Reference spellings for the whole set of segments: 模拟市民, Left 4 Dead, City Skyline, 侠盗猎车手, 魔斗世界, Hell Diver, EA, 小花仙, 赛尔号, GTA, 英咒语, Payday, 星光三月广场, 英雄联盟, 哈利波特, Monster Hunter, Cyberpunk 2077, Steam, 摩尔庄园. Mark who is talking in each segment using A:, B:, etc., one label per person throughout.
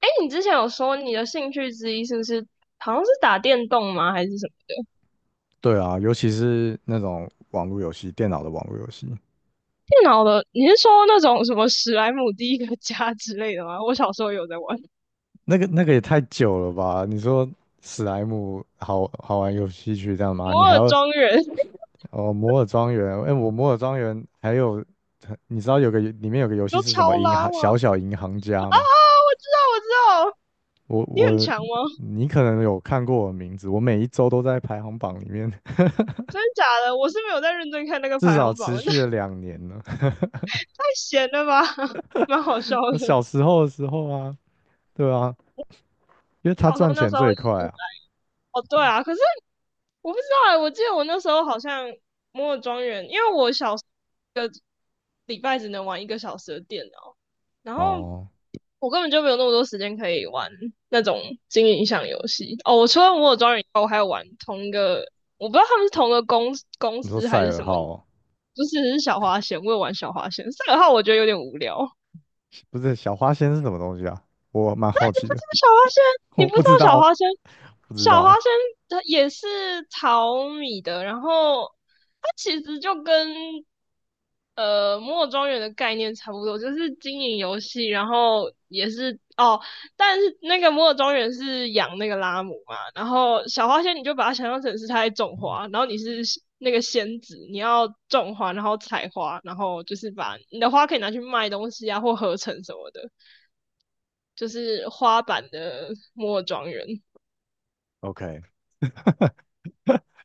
A: 哎，你之前有说你的兴趣之一是不是好像是打电动吗？还是什么
B: 对啊，尤其是那种网络游戏，电脑的网络游戏，
A: 电脑的？你是说那种什么史莱姆第一个家 之类的吗？我小时候有在玩
B: 那个也太久了吧？你说史莱姆好好玩游戏去这样吗？你
A: 摩
B: 还
A: 尔
B: 要
A: 庄园，你
B: 哦摩尔庄园？哎、我摩尔庄园还有，你知道有个里面有个游戏
A: 说
B: 是什么
A: 超
B: 银行
A: 拉吗？
B: 小小银行
A: 啊
B: 家
A: 啊！
B: 吗？
A: 我知道，我知道，
B: 我
A: 你很
B: 我
A: 强吗？
B: 你可能有看过我的名字，我每一周都在排行榜里面，
A: 真的假的？我是没有在认真看那 个
B: 至
A: 排
B: 少
A: 行榜，
B: 持
A: 那
B: 续
A: 太
B: 了2年了。
A: 闲了吧，蛮好笑
B: 我
A: 的。
B: 小时候的时候啊，对啊，因为他
A: 小时候
B: 赚
A: 那
B: 钱
A: 时候，
B: 最快啊。
A: 哦对啊，可是我不知道哎、我记得我那时候好像摩尔庄园，因为我小时候一个礼拜只能玩一个小时的电脑，然后
B: 哦，
A: 我根本就没有那么多时间可以玩那种经营项游戏。哦，我除了摩尔庄园以外，我还有玩同一个，我不知道他们是同一个公公
B: 你说
A: 司
B: 赛
A: 还是
B: 尔
A: 什么，
B: 号哦？
A: 就是小花仙，我有玩小花仙。赛尔号我觉得有点无聊。
B: 不是小花仙是什么东西啊？我蛮好奇的，
A: 小花仙，你
B: 我
A: 不
B: 不
A: 知道
B: 知
A: 小
B: 道，
A: 花仙，
B: 不知
A: 小花
B: 道。
A: 仙它也是淘米的，然后它其实就跟摩尔庄园的概念差不多，就是经营游戏，然后也是哦，但是那个摩尔庄园是养那个拉姆嘛，然后小花仙你就把它想象成是它在种花，然后你是那个仙子，你要种花，然后采花，然后就是把你的花可以拿去卖东西啊，或合成什么的。就是花版的摩尔庄园。
B: OK，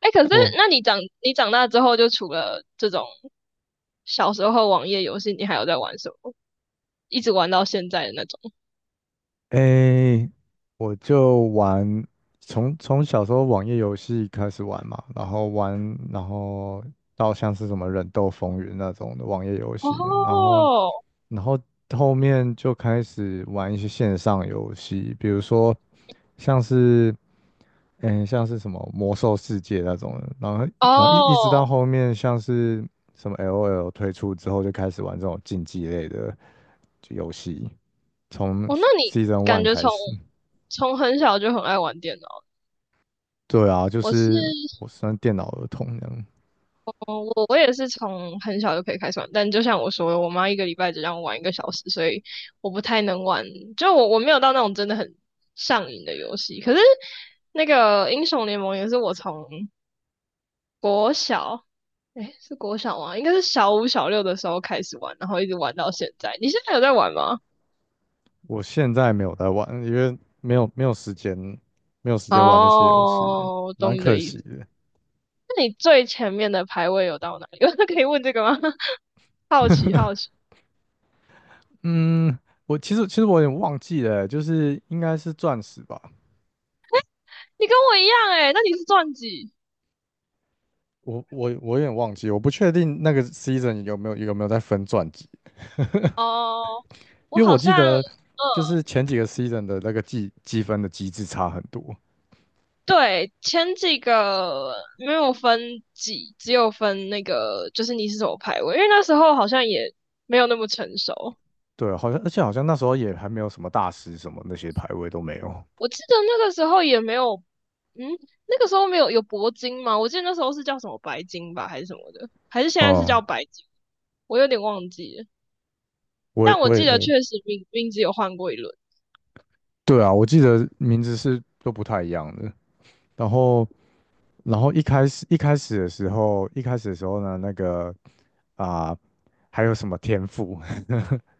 A: 哎，欸可是
B: 我
A: 那你长大之后，就除了这种小时候网页游戏，你还有在玩什么？一直玩到现在的那种？
B: 诶、我就玩，从小时候网页游戏开始玩嘛，然后玩，然后到像是什么忍斗风云那种的网页游戏，然后
A: 哦
B: 然后后面就开始玩一些线上游戏，比如说像是。像是什么魔兽世界那种的，然后一直到
A: 哦
B: 后面像是什么 LOL 推出之后，就开始玩这种竞技类的游戏，从
A: 哦，那你
B: Season
A: 感
B: One
A: 觉
B: 开
A: 从
B: 始。
A: 从很小就很爱玩电脑？
B: 对啊，就
A: 我是
B: 是我算电脑儿童这样。
A: 哦我也是从很小就可以开始玩，但就像我说的，我妈一个礼拜只让我玩一个小时，所以我不太能玩。就我没有到那种真的很上瘾的游戏。可是那个英雄联盟也是我从国小，诶，是国小吗？应该是小五小六的时候开始玩，然后一直玩到现在。你现在有在玩吗？
B: 我现在没有在玩，因为没有时间，没有时间玩那些游戏，
A: 哦，我懂
B: 蛮
A: 你
B: 可
A: 的意
B: 惜
A: 思。
B: 的。
A: 那你最前面的排位有到哪里？可以问这个吗？好奇好奇。
B: 嗯，我其实我有点忘记了，就是应该是钻石吧，
A: 你跟我一样诶，那你是钻几？
B: 我有点忘记，我不确定那个 season 有没有在分传记，
A: 哦，我
B: 因为我
A: 好
B: 记
A: 像，
B: 得就是前几个 season 的那个计积分的机制差很多。
A: 对，前几个没有分几，只有分那个，就是你是什么排位，因为那时候好像也没有那么成熟。
B: 对，好像而且好像那时候也还没有什么大师什么那些排位都没有。
A: 我记得那个时候也没有，嗯，那个时候没有有铂金吗？我记得那时候是叫什么白金吧，还是什么的，还是现在是
B: 哦、
A: 叫白金，我有点忘记了。
B: 我
A: 但
B: 也
A: 我
B: 我也
A: 记得
B: 呃，
A: 确实名字有换过一轮。
B: 对啊，我记得名字是都不太一样的。然后然后一开始的时候，一开始的时候呢，那个啊、还有什么天赋？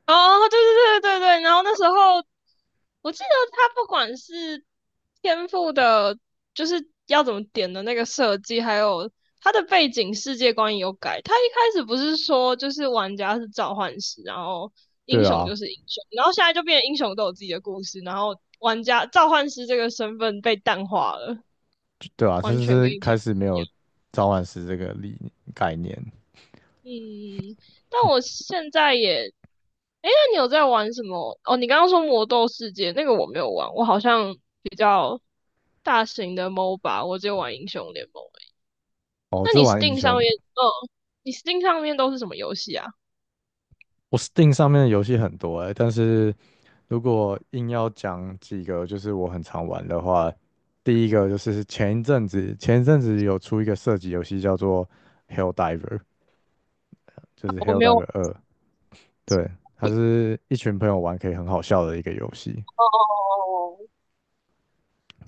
A: 哦，对对对对对，然后那时候我记得他不管是天赋的，就是要怎么点的那个设计，还有他的背景世界观也有改。他一开始不是说就是玩家是召唤师，然后 英
B: 对
A: 雄
B: 啊，
A: 就是英雄，然后现在就变成英雄都有自己的故事，然后玩家召唤师这个身份被淡化了，
B: 对啊，他
A: 完全跟
B: 是
A: 以前。
B: 开始没有召唤师这个理概念。
A: 嗯，但我现在也，哎，那你有在玩什么？哦，你刚刚说魔斗世界那个我没有玩，我好像比较大型的 MOBA，我只有玩英雄联盟欸。
B: 哦，
A: 那
B: 这
A: 你
B: 玩英
A: Steam
B: 雄
A: 上
B: 联
A: 面，
B: 盟。
A: 嗯，你 Steam 上面都是什么游戏啊？
B: 我 Steam 上面的游戏很多哎、但是如果硬要讲几个，就是我很常玩的话，第一个就是前一阵子有出一个射击游戏叫做《Hell Diver》，就是
A: 我
B: 《Hell
A: 没有，
B: Diver
A: 哦
B: 二》，对，它是一群朋友玩可以很好笑的一个游戏。
A: 哦哦，哦哦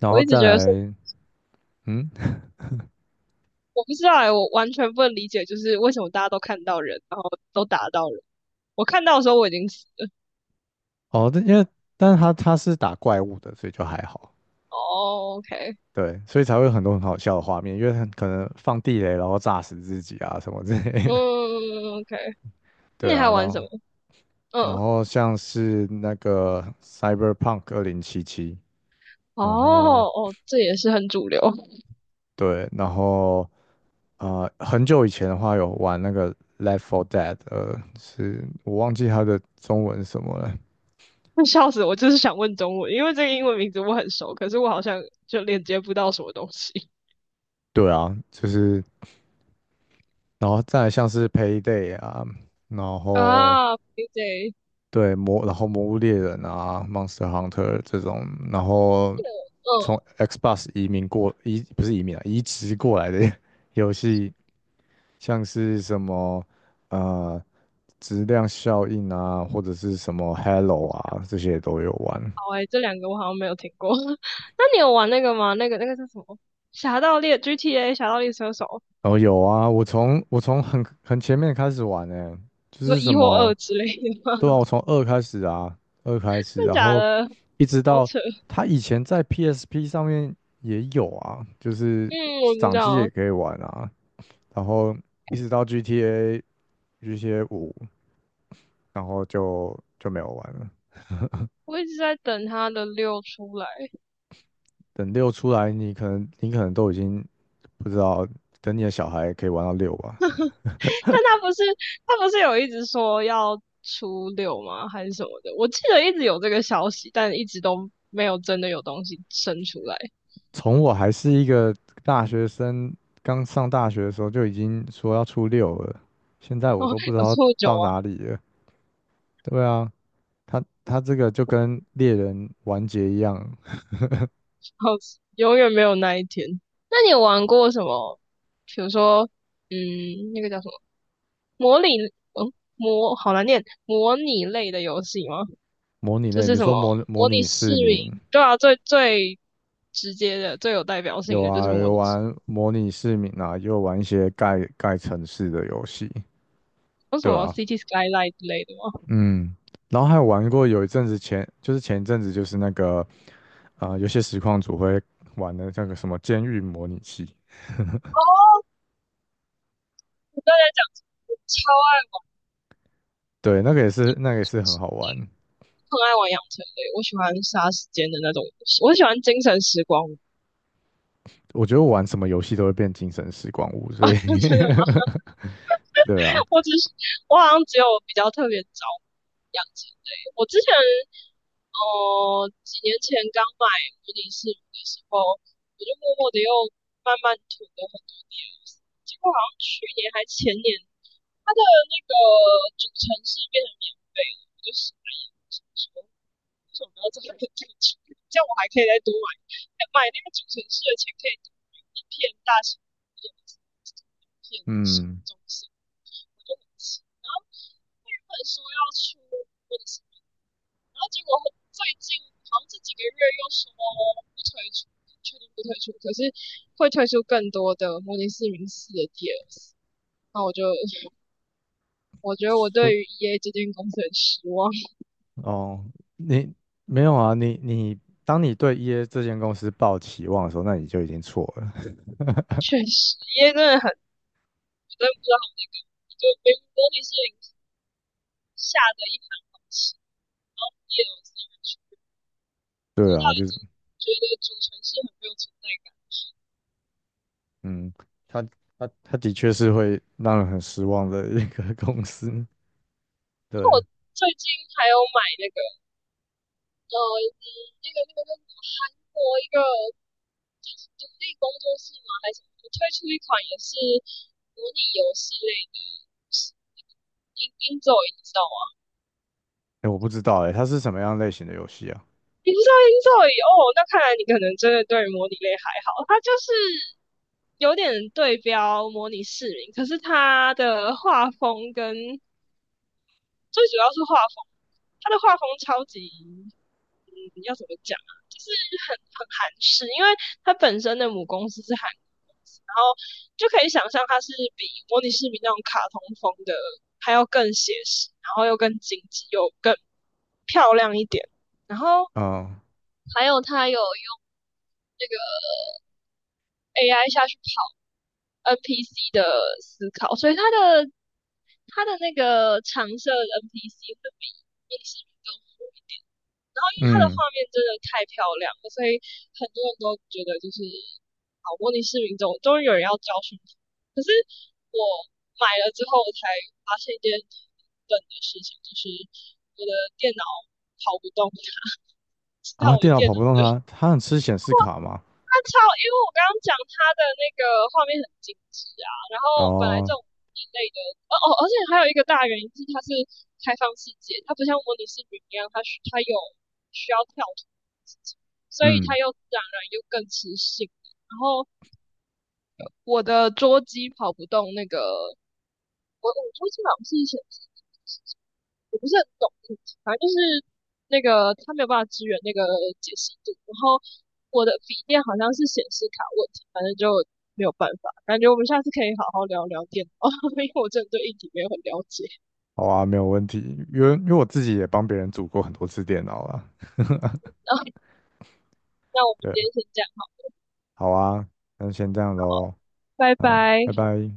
B: 然
A: 我
B: 后
A: 一直
B: 再
A: 觉得是，
B: 来，嗯，
A: 我不知道哎，我完全不能理解，就是为什么大家都看到人，然后都打到人。我看到的时候我已经死了。
B: 哦，但因为但是它是打怪物的，所以就还好。
A: 哦，OK，
B: 对，所以才会有很多很好笑的画面，因为很可能放地雷，然后炸死自己啊什么之类的。
A: 嗯，OK，那
B: 对
A: 你还
B: 啊，然
A: 玩
B: 后
A: 什么？
B: 然
A: 嗯。
B: 后像是那个 Cyberpunk 2077，
A: 哦
B: 然后
A: 哦，这也是很主流，
B: 对，然后很久以前的话有玩那个 Left 4 Dead，是我忘记它的中文是什么了。
A: 笑死我！就是想问中文，因为这个英文名字我很熟，可是我好像就连接不到什么东西
B: 对啊，就是然后再来像是 Payday 啊，然 后
A: 啊。PJ，嗯，
B: 然后魔物猎人啊，Monster Hunter 这种，然后从
A: 哦
B: Xbox 移民过移不是移民啊，移植过来的 游戏，像是什么呃质量效应啊，或者是什么 Hello 啊，这些都有玩。
A: 好诶、这两个我好像没有听过。那你有玩那个吗？那个叫什么《侠盗猎》GTA《侠盗猎车手》？
B: 哦，有啊，我从很前面开始玩呢、就
A: 你说
B: 是什
A: 一或
B: 么
A: 二之类的吗？
B: 对啊，我 从二开始啊，二开始，
A: 真的
B: 然
A: 假
B: 后
A: 的？
B: 一直
A: 好
B: 到
A: 扯。
B: 他以前在 PSP 上面也有啊，就是
A: 嗯，我知
B: 掌机也
A: 道，
B: 可以玩啊，然后一直到 GTA。GTA 5，然后就没有玩了。
A: 我一直在等它的六出来。
B: 等六出来，你可能都已经不知道，等你的小孩可以玩到六吧。
A: 但他不是有一直说要初六吗？还是什么的？我记得一直有这个消息，但一直都没有真的有东西生出来。
B: 从我还是一个大学生，刚上大学的时候就已经说要出六了，现在我
A: 哦，
B: 都不知
A: 有
B: 道
A: 错久
B: 到
A: 啊，
B: 哪里了。对啊，他这个就跟猎人完结一样，
A: 好，永远没有那一天。那你有玩过什么？比如说，嗯，那个叫什么模拟，嗯，模好难念，模拟类的游戏吗？
B: 模拟
A: 就
B: 类，比
A: 是
B: 如
A: 什么
B: 说模模
A: 模拟
B: 拟
A: 市
B: 市民，
A: 民，对啊，最最直接的、最有代表性
B: 有
A: 的就是
B: 啊，
A: 模
B: 有
A: 拟市
B: 玩模拟市民啊，也有玩一些盖城市的游戏，
A: 民有什
B: 对
A: 么
B: 啊。
A: City Skyline 之类的吗？
B: 嗯，然后还有玩过有一阵子前，就是前一阵子就是那个，有些实况组会玩的那个什么监狱模拟器，
A: 哦，我刚才讲超爱，
B: 对，那个也是很好玩。
A: 很爱玩养成类，我喜欢杀时间的那种游戏我喜欢精神时光
B: 我觉得我玩什么游戏都会变精神时光屋，所以
A: 那 真的吗？
B: 对啊，
A: 我只是我好像只有比较特别着迷养成类。我之前几年前刚买模拟市民的时候，我就默默的又慢慢囤了很多 DLC，结果好像去年还前年，它的那个主城市变成免费了，我就傻眼，想说为什么要这很认真去？这样我还可以再多买那个主城市的钱，可以多买一片大型一片小
B: 嗯，
A: 中心，我就很气。然后原本说要出问题，然后结果最近好像这几个月又说不推出，确定不推出，可是会推出更多的《模拟市民四》的 DLC。那我就 我觉得我
B: 说
A: 对于 EA 这间公司很失望，
B: 哦，你没有啊，你当你对 EA 这间公司抱期望的时候，那你就已经错了。
A: 确实 EA 真的不知道，就模拟市民下的一盘好棋，然后叶罗丝越
B: 对
A: 多到
B: 啊，
A: 已
B: 就是
A: 经觉得主城市很没有存在感。
B: 嗯，他他的确是会让人很失望的一个公司，
A: 那
B: 对。
A: 我最近还有买那个呃嗯那个那个那个国一个独立工作室吗？还是什么？我推出一款也是模拟游戏类的。英咒语你知道吗？
B: 哎，我不知道哎，它是什么样类型的游戏啊？
A: 你知道英咒语哦，那看来你可能真的对模拟类还好。它就是有点对标模拟市民，可是它的画风跟最主要是画风，他的画风超级，嗯，要怎么讲啊？就是很韩式，因为他本身的母公司是韩国公司，然后就可以想象它是比模拟市民那种卡通风的还要更写实，然后又更精致，又更漂亮一点。然后
B: 嗯
A: 还有他有用那个 AI 下去跑 NPC 的思考，所以他的那个常设 NPC 会比拟市民宫好一点。然后因为它的
B: 嗯
A: 画面真的太漂亮了，所以很多人都觉得就是好模拟市民中终于有人要教训他。可是我买了之后，我才发现一件笨的事情，就是我的电脑跑不动它，直到我的
B: 电脑
A: 电
B: 跑
A: 脑
B: 不动
A: 的
B: 它，它很吃显示卡吗？
A: 他超，因为我刚刚讲他的那个画面很精致啊，然后本来这
B: 哦，
A: 种一类的，哦哦，而且还有一个大原因是它是开放世界，它不像模拟市民一样，它有需要跳脱的事情所以
B: 嗯，
A: 它又自然而然又更磁性。然后我的桌机跑不动那个，我桌机好像是显示我不是很懂，反正就是那个他没有办法支援那个解析度，然后我的笔电好像是显示卡问题，反正就没有办法。感觉我们下次可以好好聊聊电脑，因为我真的对硬体没有很了解。
B: 好啊，没有问题，因为我自己也帮别人组过很多次电脑了。
A: 然后那我们
B: 对，
A: 今天先这样，
B: 好啊，那先这样喽，
A: 拜
B: 好，
A: 拜。
B: 拜拜。